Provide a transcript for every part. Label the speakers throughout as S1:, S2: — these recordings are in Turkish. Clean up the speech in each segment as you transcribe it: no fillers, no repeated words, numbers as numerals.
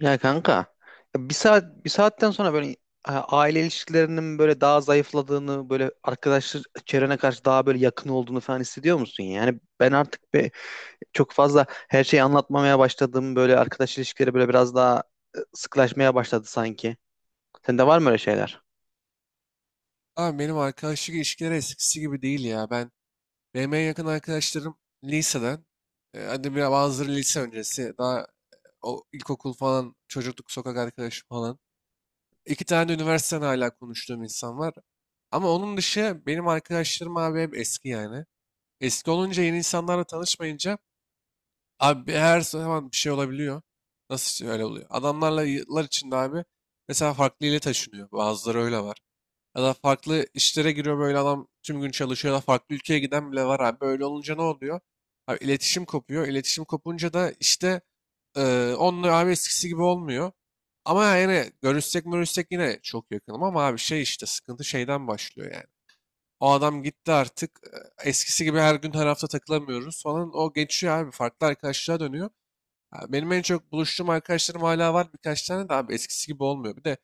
S1: Ya kanka ya bir saat bir saatten sonra böyle aile ilişkilerinin böyle daha zayıfladığını böyle arkadaşlar çevrene karşı daha böyle yakın olduğunu falan hissediyor musun? Yani ben artık çok fazla her şeyi anlatmamaya başladım, böyle arkadaş ilişkileri böyle biraz daha sıklaşmaya başladı sanki. Sende var mı öyle şeyler?
S2: Abi benim arkadaşlık ilişkileri eskisi gibi değil ya. Benim en yakın arkadaşlarım liseden. Hadi bazıları lise öncesi. Daha o ilkokul falan, çocukluk sokak arkadaşı falan. İki tane de üniversiteden hala konuştuğum insan var. Ama onun dışı benim arkadaşlarım abi hep eski yani. Eski olunca yeni insanlarla tanışmayınca abi her zaman bir şey olabiliyor. Nasıl öyle oluyor? Adamlarla yıllar içinde abi mesela farklı ile taşınıyor. Bazıları öyle var. Ya da farklı işlere giriyor, böyle adam tüm gün çalışıyor ya da farklı ülkeye giden bile var abi. Böyle olunca ne oluyor? Abi iletişim kopuyor. İletişim kopunca da işte onunla abi eskisi gibi olmuyor. Ama yani görüşsek görüşsek yine çok yakınım ama abi şey işte sıkıntı şeyden başlıyor yani. O adam gitti artık. Eskisi gibi her gün her hafta takılamıyoruz falan. O geçiyor abi farklı arkadaşlığa dönüyor. Ha, benim en çok buluştuğum arkadaşlarım hala var birkaç tane de abi eskisi gibi olmuyor. Bir de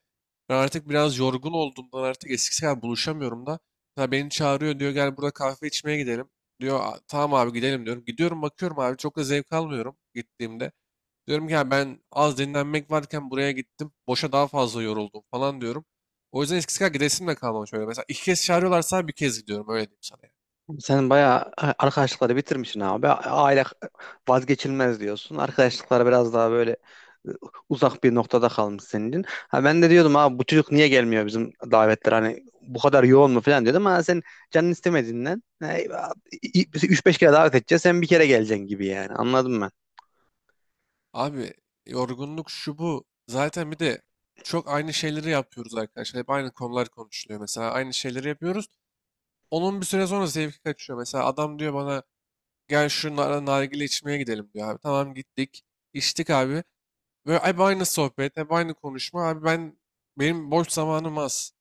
S2: ben artık biraz yorgun olduğumdan artık eskisi kadar buluşamıyorum da. Mesela beni çağırıyor, diyor gel burada kahve içmeye gidelim. Diyor, "Aa, tamam abi gidelim," diyorum. Gidiyorum bakıyorum abi çok da zevk almıyorum gittiğimde. Diyorum ki ya ben az dinlenmek varken buraya gittim. Boşa daha fazla yoruldum falan diyorum. O yüzden eskisi kadar gidesim de kalmamış öyle. Mesela iki kez çağırıyorlarsa bir kez gidiyorum öyle diyeyim sana yani.
S1: Sen bayağı arkadaşlıkları bitirmişsin abi. Aile vazgeçilmez diyorsun. Arkadaşlıklar biraz daha böyle e, uzak bir noktada kalmış senin için. Ha, ben de diyordum abi bu çocuk niye gelmiyor bizim davetlere, hani bu kadar yoğun mu falan diyordum, ama sen canın istemediğinden üç beş kere davet edeceğiz, sen bir kere geleceksin gibi. Yani anladım ben.
S2: Abi yorgunluk şu bu. Zaten bir de çok aynı şeyleri yapıyoruz arkadaşlar. Hep aynı konular konuşuluyor mesela. Aynı şeyleri yapıyoruz. Onun bir süre sonra zevki kaçıyor. Mesela adam diyor bana gel şu nargile içmeye gidelim diyor abi. Tamam gittik. İçtik abi. Böyle hep aynı sohbet, hep aynı konuşma. Abi benim boş zamanım az.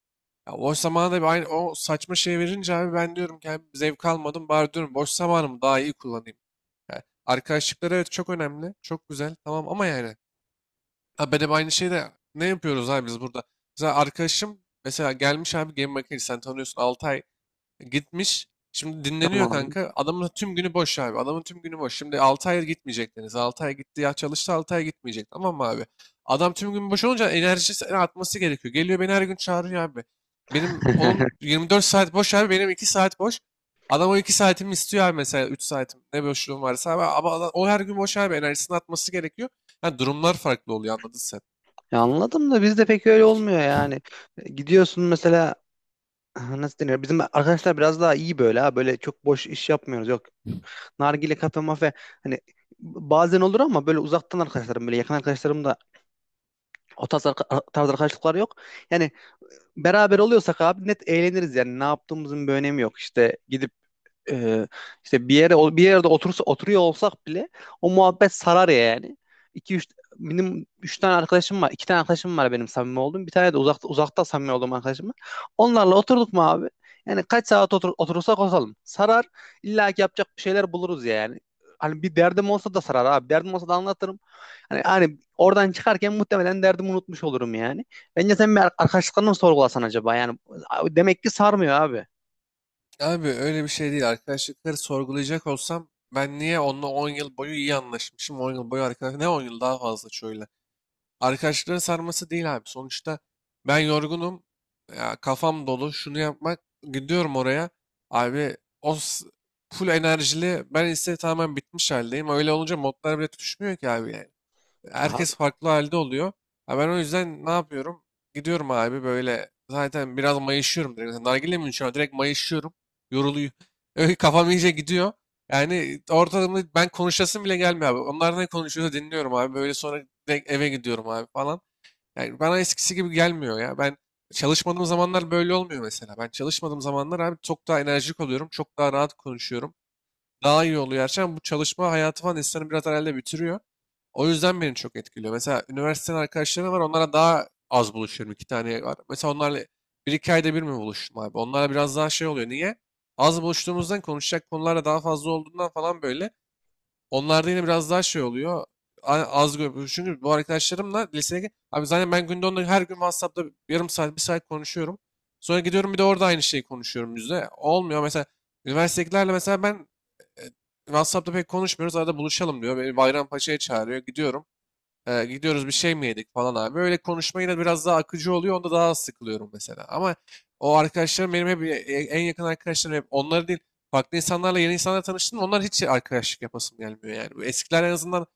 S2: Ya boş zamanı da bir aynı o saçma şey verince abi ben diyorum ki abi zevk almadım. Bari diyorum boş zamanımı daha iyi kullanayım. Yani arkadaşlıklar evet çok önemli. Çok güzel. Tamam ama yani. Ha ben hep aynı şeyi de ne yapıyoruz abi biz burada? Mesela arkadaşım mesela gelmiş abi game makinesi sen tanıyorsun, 6 ay gitmiş. Şimdi dinleniyor
S1: Tamam.
S2: kanka. Adamın tüm günü boş abi. Adamın tüm günü boş. Şimdi 6 ay gitmeyecek Deniz. Ay gitti ya, çalıştı, 6 ay gitmeyecek. Tamam mı abi? Adam tüm gün boş olunca enerjisi atması gerekiyor. Geliyor beni her gün çağırıyor abi. Benim onun 24 saat boş abi. Benim 2 saat boş. Adam o 2 saatimi istiyor abi, mesela 3 saatim. Ne boşluğum varsa abi. Ama o her gün boş abi. Enerjisini atması gerekiyor. Yani durumlar farklı oluyor anladın sen.
S1: Ya anladım da bizde pek öyle olmuyor yani. Gidiyorsun mesela, nasıl deniyor? Bizim arkadaşlar biraz daha iyi böyle, ha. Böyle çok boş iş yapmıyoruz. Yok, nargile kafe mafe, hani bazen olur ama böyle uzaktan arkadaşlarım, böyle yakın arkadaşlarım da tarz arkadaşlıklar yok. Yani beraber oluyorsak abi net eğleniriz yani, ne yaptığımızın bir önemi yok. İşte gidip e, işte bir yere bir yerde otursa oturuyor olsak bile o muhabbet sarar ya yani. İki üç, benim 3 tane arkadaşım var. İki tane arkadaşım var benim samimi olduğum. Bir tane de uzakta samimi olduğum arkadaşım var. Onlarla oturduk mu abi? Yani kaç saat oturursak oturalım. Sarar. İlla ki yapacak bir şeyler buluruz ya yani. Hani bir derdim olsa da sarar abi. Derdim olsa da anlatırım. Hani oradan çıkarken muhtemelen derdimi unutmuş olurum yani. Bence sen bir arkadaşlıklarını mı sorgulasan acaba? Yani demek ki sarmıyor abi.
S2: Abi öyle bir şey değil. Arkadaşlıkları sorgulayacak olsam ben niye onunla 10 yıl boyu iyi anlaşmışım? 10 yıl boyu arkadaş ne 10 yıl daha fazla şöyle. Arkadaşlıkların sarması değil abi. Sonuçta ben yorgunum. Ya kafam dolu. Şunu yapmak gidiyorum oraya. Abi o full enerjili. Ben ise tamamen bitmiş haldeyim. Öyle olunca modlar bile tutuşmuyor ki abi yani.
S1: Abi,
S2: Herkes farklı halde oluyor. Ha ben o yüzden ne yapıyorum? Gidiyorum abi böyle zaten biraz mayışıyorum direkt. Mesela nargile mi içiyorum? Direkt mayışıyorum. Yoruluyor. Öyle kafam iyice gidiyor. Yani ortalama ben konuşasım bile gelmiyor abi. Onlar ne konuşuyorsa dinliyorum abi. Böyle sonra direkt eve gidiyorum abi falan. Yani bana eskisi gibi gelmiyor ya. Ben çalışmadığım zamanlar böyle olmuyor mesela. Ben çalışmadığım zamanlar abi çok daha enerjik oluyorum. Çok daha rahat konuşuyorum. Daha iyi oluyor gerçekten. Bu çalışma hayatı falan insanı biraz herhalde bitiriyor. O yüzden beni çok etkiliyor. Mesela üniversiteden arkadaşlarım var. Onlara daha az buluşuyorum. İki tane var. Mesela onlarla bir iki ayda bir mi buluştum abi? Onlarla biraz daha şey oluyor. Niye? Az buluştuğumuzdan konuşacak konular da daha fazla olduğundan falan böyle. Onlarda yine biraz daha şey oluyor. Çünkü bu arkadaşlarımla lisedeki... Abi zaten ben günde onunla her gün WhatsApp'ta yarım saat, 1 saat konuşuyorum. Sonra gidiyorum bir de orada aynı şeyi konuşuyorum yüzde. Olmuyor. Mesela üniversitedekilerle mesela ben WhatsApp'ta pek konuşmuyoruz. Arada buluşalım diyor. Beni Bayrampaşa'ya çağırıyor. Gidiyorum. Gidiyoruz bir şey mi yedik falan abi. Öyle konuşma yine biraz daha akıcı oluyor. Onda daha az sıkılıyorum mesela. Ama o arkadaşlarım benim hep en yakın arkadaşlarım hep onları değil. Farklı insanlarla yeni insanlarla tanıştım. Onlar hiç arkadaşlık yapasım gelmiyor yani. Bu eskiler en azından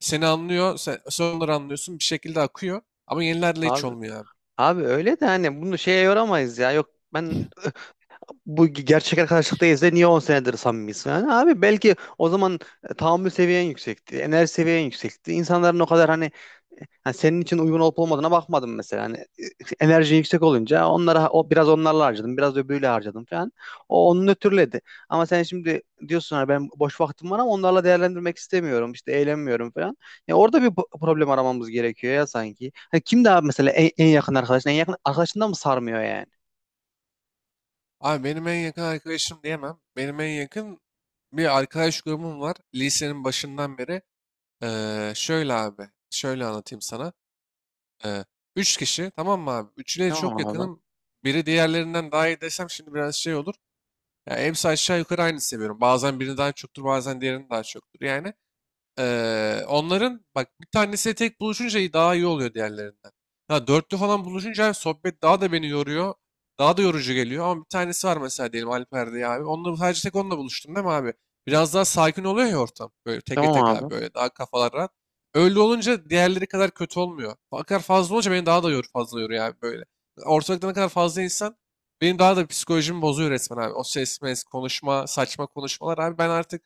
S2: seni anlıyor. Sen onları anlıyorsun. Bir şekilde akıyor. Ama yenilerle hiç
S1: abi.
S2: olmuyor abi.
S1: Abi öyle de, hani bunu şeye yoramayız ya. Yok ben, bu gerçek arkadaşlıktayız da niye 10 senedir samimiyiz falan. Abi belki o zaman tahammül seviyen yüksekti, enerji seviyen yüksekti. İnsanların o kadar hani, hani senin için uygun olup olmadığına bakmadım mesela. Hani enerji yüksek olunca onlara, o biraz onlarla harcadım, biraz öbürüyle harcadım falan. O onun ötürüledi. Ama sen şimdi diyorsun hani, ben boş vaktim var ama onlarla değerlendirmek istemiyorum, işte eğlenmiyorum falan. Ya orada bir problem aramamız gerekiyor ya sanki. Hani kim daha mesela en yakın arkadaşın, en yakın arkadaşından mı sarmıyor yani?
S2: Abi benim en yakın arkadaşım diyemem. Benim en yakın bir arkadaş grubum var. Lisenin başından beri. Şöyle abi, şöyle anlatayım sana. Ee, üç kişi, tamam mı abi? Üçüne çok
S1: Tamam abi.
S2: yakınım. Biri diğerlerinden daha iyi desem şimdi biraz şey olur. Ya hepsi aşağı yukarı aynı seviyorum. Bazen birini daha çoktur, bazen diğerini daha çoktur yani. Onların bak bir tanesi tek buluşunca daha iyi oluyor diğerlerinden. Ha, dörtlü falan buluşunca sohbet daha da beni yoruyor. Daha da yorucu geliyor ama bir tanesi var mesela diyelim Alper diye abi. Onunla sadece tek onunla buluştun değil mi abi? Biraz daha sakin oluyor ya ortam. Böyle teke
S1: Tamam
S2: tek abi
S1: abi.
S2: böyle daha kafalar rahat. Öyle olunca diğerleri kadar kötü olmuyor. Fakat fazla olunca beni daha da fazla yoruyor abi böyle. Ortalıkta ne kadar fazla insan benim daha da psikolojimi bozuyor resmen abi. O ses, konuşma, saçma konuşmalar abi. Ben artık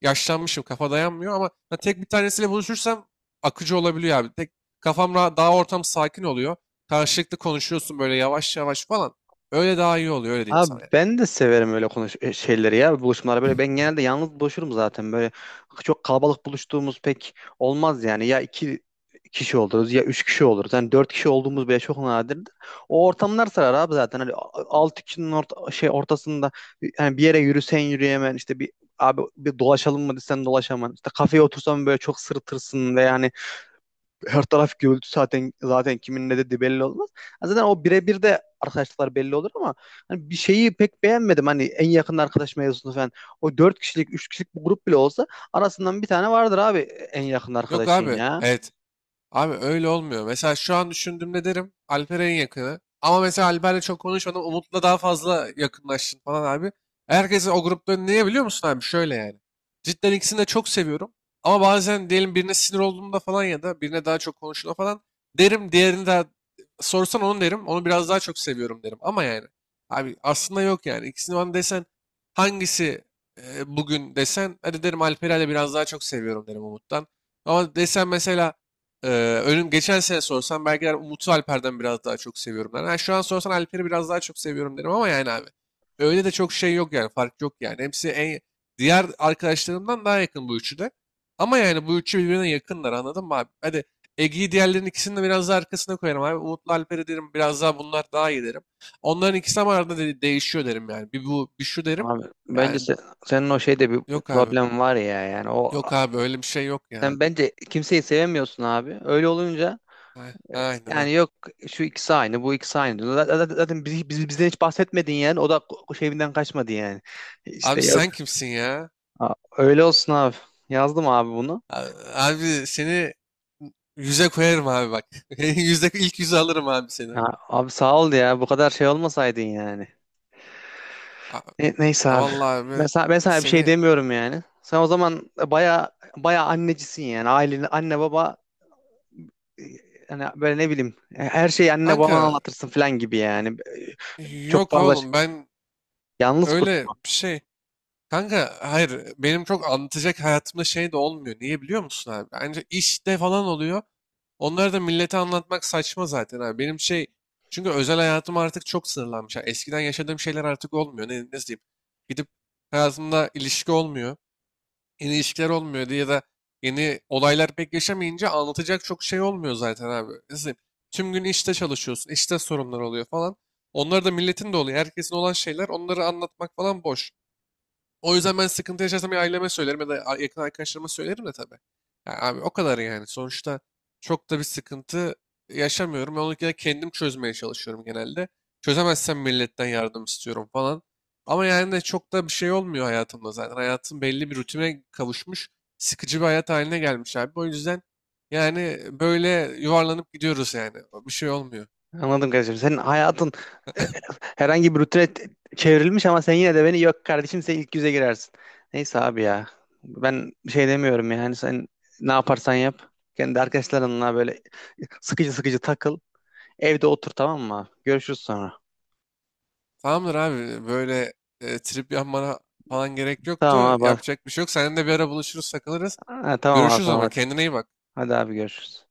S2: yaşlanmışım kafa dayanmıyor ama ha, tek bir tanesiyle buluşursam akıcı olabiliyor abi. Tek kafam rahat, daha ortam sakin oluyor. Karşılıklı konuşuyorsun böyle yavaş yavaş falan. Öyle daha iyi oluyor öyle diyeyim
S1: Abi
S2: sana yani.
S1: ben de severim öyle şeyleri, ya buluşmaları. Böyle ben genelde yalnız buluşurum zaten, böyle çok kalabalık buluştuğumuz pek olmaz yani. Ya iki kişi oluruz ya üç kişi oluruz, yani dört kişi olduğumuz bile çok nadirdir. O ortamlar sarar abi zaten. Hani altı kişinin ortasında yani bir yere yürüsen yürüyemen, işte bir, abi bir dolaşalım mı desen dolaşaman, işte kafeye otursan böyle çok sırıtırsın ve yani her taraf gürültü, zaten kimin ne dediği belli olmaz. Ha, zaten o birebir de arkadaşlıklar belli olur ama hani bir şeyi pek beğenmedim, hani en yakın arkadaş mevzusunu falan. O dört kişilik, üç kişilik bir grup bile olsa arasından bir tane vardır abi en yakın
S2: Yok
S1: arkadaşın
S2: abi,
S1: ya.
S2: evet. Abi öyle olmuyor. Mesela şu an düşündüğümde derim Alper en yakını. Ama mesela Alper'le çok konuşmadım. Umut'la daha fazla yakınlaştın falan abi. Herkesi o grupta niye biliyor musun abi? Şöyle yani. Cidden ikisini de çok seviyorum. Ama bazen diyelim birine sinir olduğumda falan ya da birine daha çok konuştuğumda falan derim. Diğerini de sorsan onu derim. Onu biraz daha çok seviyorum derim. Ama yani abi aslında yok yani. İkisini bana desen hangisi bugün desen hadi derim Alper'i de biraz daha çok seviyorum derim Umut'tan. Ama desen mesela ee, önüm geçen sene sorsan belki der Umut'u Alper'den biraz daha çok seviyorum der. Ha, şu an sorsan Alper'i biraz daha çok seviyorum derim ama yani abi. Öyle de çok şey yok yani, fark yok yani. Hepsi en diğer arkadaşlarımdan daha yakın bu üçü de. Ama yani bu üçü birbirine yakınlar anladın mı abi? Hadi Ege'yi diğerlerinin ikisini de biraz daha arkasına koyarım abi. Umut'la Alper'i derim biraz daha bunlar daha iyi derim. Onların ikisi ama arada değişiyor derim yani. Bir bu bir şu derim.
S1: Abi bence
S2: Yani
S1: senin o şeyde bir
S2: yok abi.
S1: problem var ya yani. O
S2: Yok abi öyle bir şey yok ya.
S1: sen bence kimseyi sevemiyorsun abi. Öyle olunca
S2: Aynen ha.
S1: yani, yok şu ikisi aynı bu ikisi aynı. Zaten bizden hiç bahsetmedin yani, o da şeyinden kaçmadı yani. İşte
S2: Abi
S1: yok.
S2: sen kimsin ya?
S1: Aa, öyle olsun abi. Yazdım abi bunu.
S2: Abi seni yüze koyarım abi bak. Yüzde ilk yüze alırım abi seni.
S1: Ya, abi sağ ol ya. Bu kadar şey olmasaydın yani.
S2: A-
S1: Neyse
S2: a
S1: abi.
S2: Vallahi abi
S1: Ben sana bir şey
S2: seni,
S1: demiyorum yani. Sen o zaman baya annecisin yani. Ailenin anne baba, e, hani böyle ne bileyim, her şeyi anne
S2: kanka
S1: babana anlatırsın falan gibi yani. Çok
S2: yok
S1: fazla
S2: oğlum ben
S1: yalnız kurt.
S2: öyle bir şey. Kanka hayır benim çok anlatacak hayatımda şey de olmuyor. Niye biliyor musun abi? Bence işte falan oluyor. Onları da millete anlatmak saçma zaten abi. Benim şey çünkü özel hayatım artık çok sınırlanmış. Yani eskiden yaşadığım şeyler artık olmuyor. Nasıl diyeyim? Gidip hayatımda ilişki olmuyor. Yeni ilişkiler olmuyor diye ya da yeni olaylar pek yaşamayınca anlatacak çok şey olmuyor zaten abi. Tüm gün işte çalışıyorsun, işte sorunlar oluyor falan. Onlar da milletin de oluyor. Herkesin olan şeyler onları anlatmak falan boş. O yüzden ben sıkıntı yaşarsam ya aileme söylerim ya da yakın arkadaşlarıma söylerim de tabii. Ya abi o kadar yani. Sonuçta çok da bir sıkıntı yaşamıyorum. Ben onu gene kendim çözmeye çalışıyorum genelde. Çözemezsem milletten yardım istiyorum falan. Ama yani de çok da bir şey olmuyor hayatımda zaten. Hayatım belli bir rutine kavuşmuş. Sıkıcı bir hayat haline gelmiş abi. O yüzden yani böyle yuvarlanıp gidiyoruz yani. Bir şey olmuyor.
S1: Anladım kardeşim. Senin hayatın, e, herhangi bir rutine çevrilmiş ama sen yine de beni, yok kardeşim sen ilk yüze girersin. Neyse abi ya. Ben bir şey demiyorum yani, sen ne yaparsan yap. Kendi arkadaşlarınla böyle sıkıcı sıkıcı takıl. Evde otur, tamam mı abi? Görüşürüz sonra.
S2: Tamamdır abi böyle trip yapmana falan gerek yoktu.
S1: Tamam abi.
S2: Yapacak bir şey yok. Seninle de bir ara buluşuruz, takılırız.
S1: Ha, tamam abi,
S2: Görüşürüz o
S1: tamam.
S2: zaman.
S1: Hadi,
S2: Kendine iyi bak.
S1: hadi abi, görüşürüz.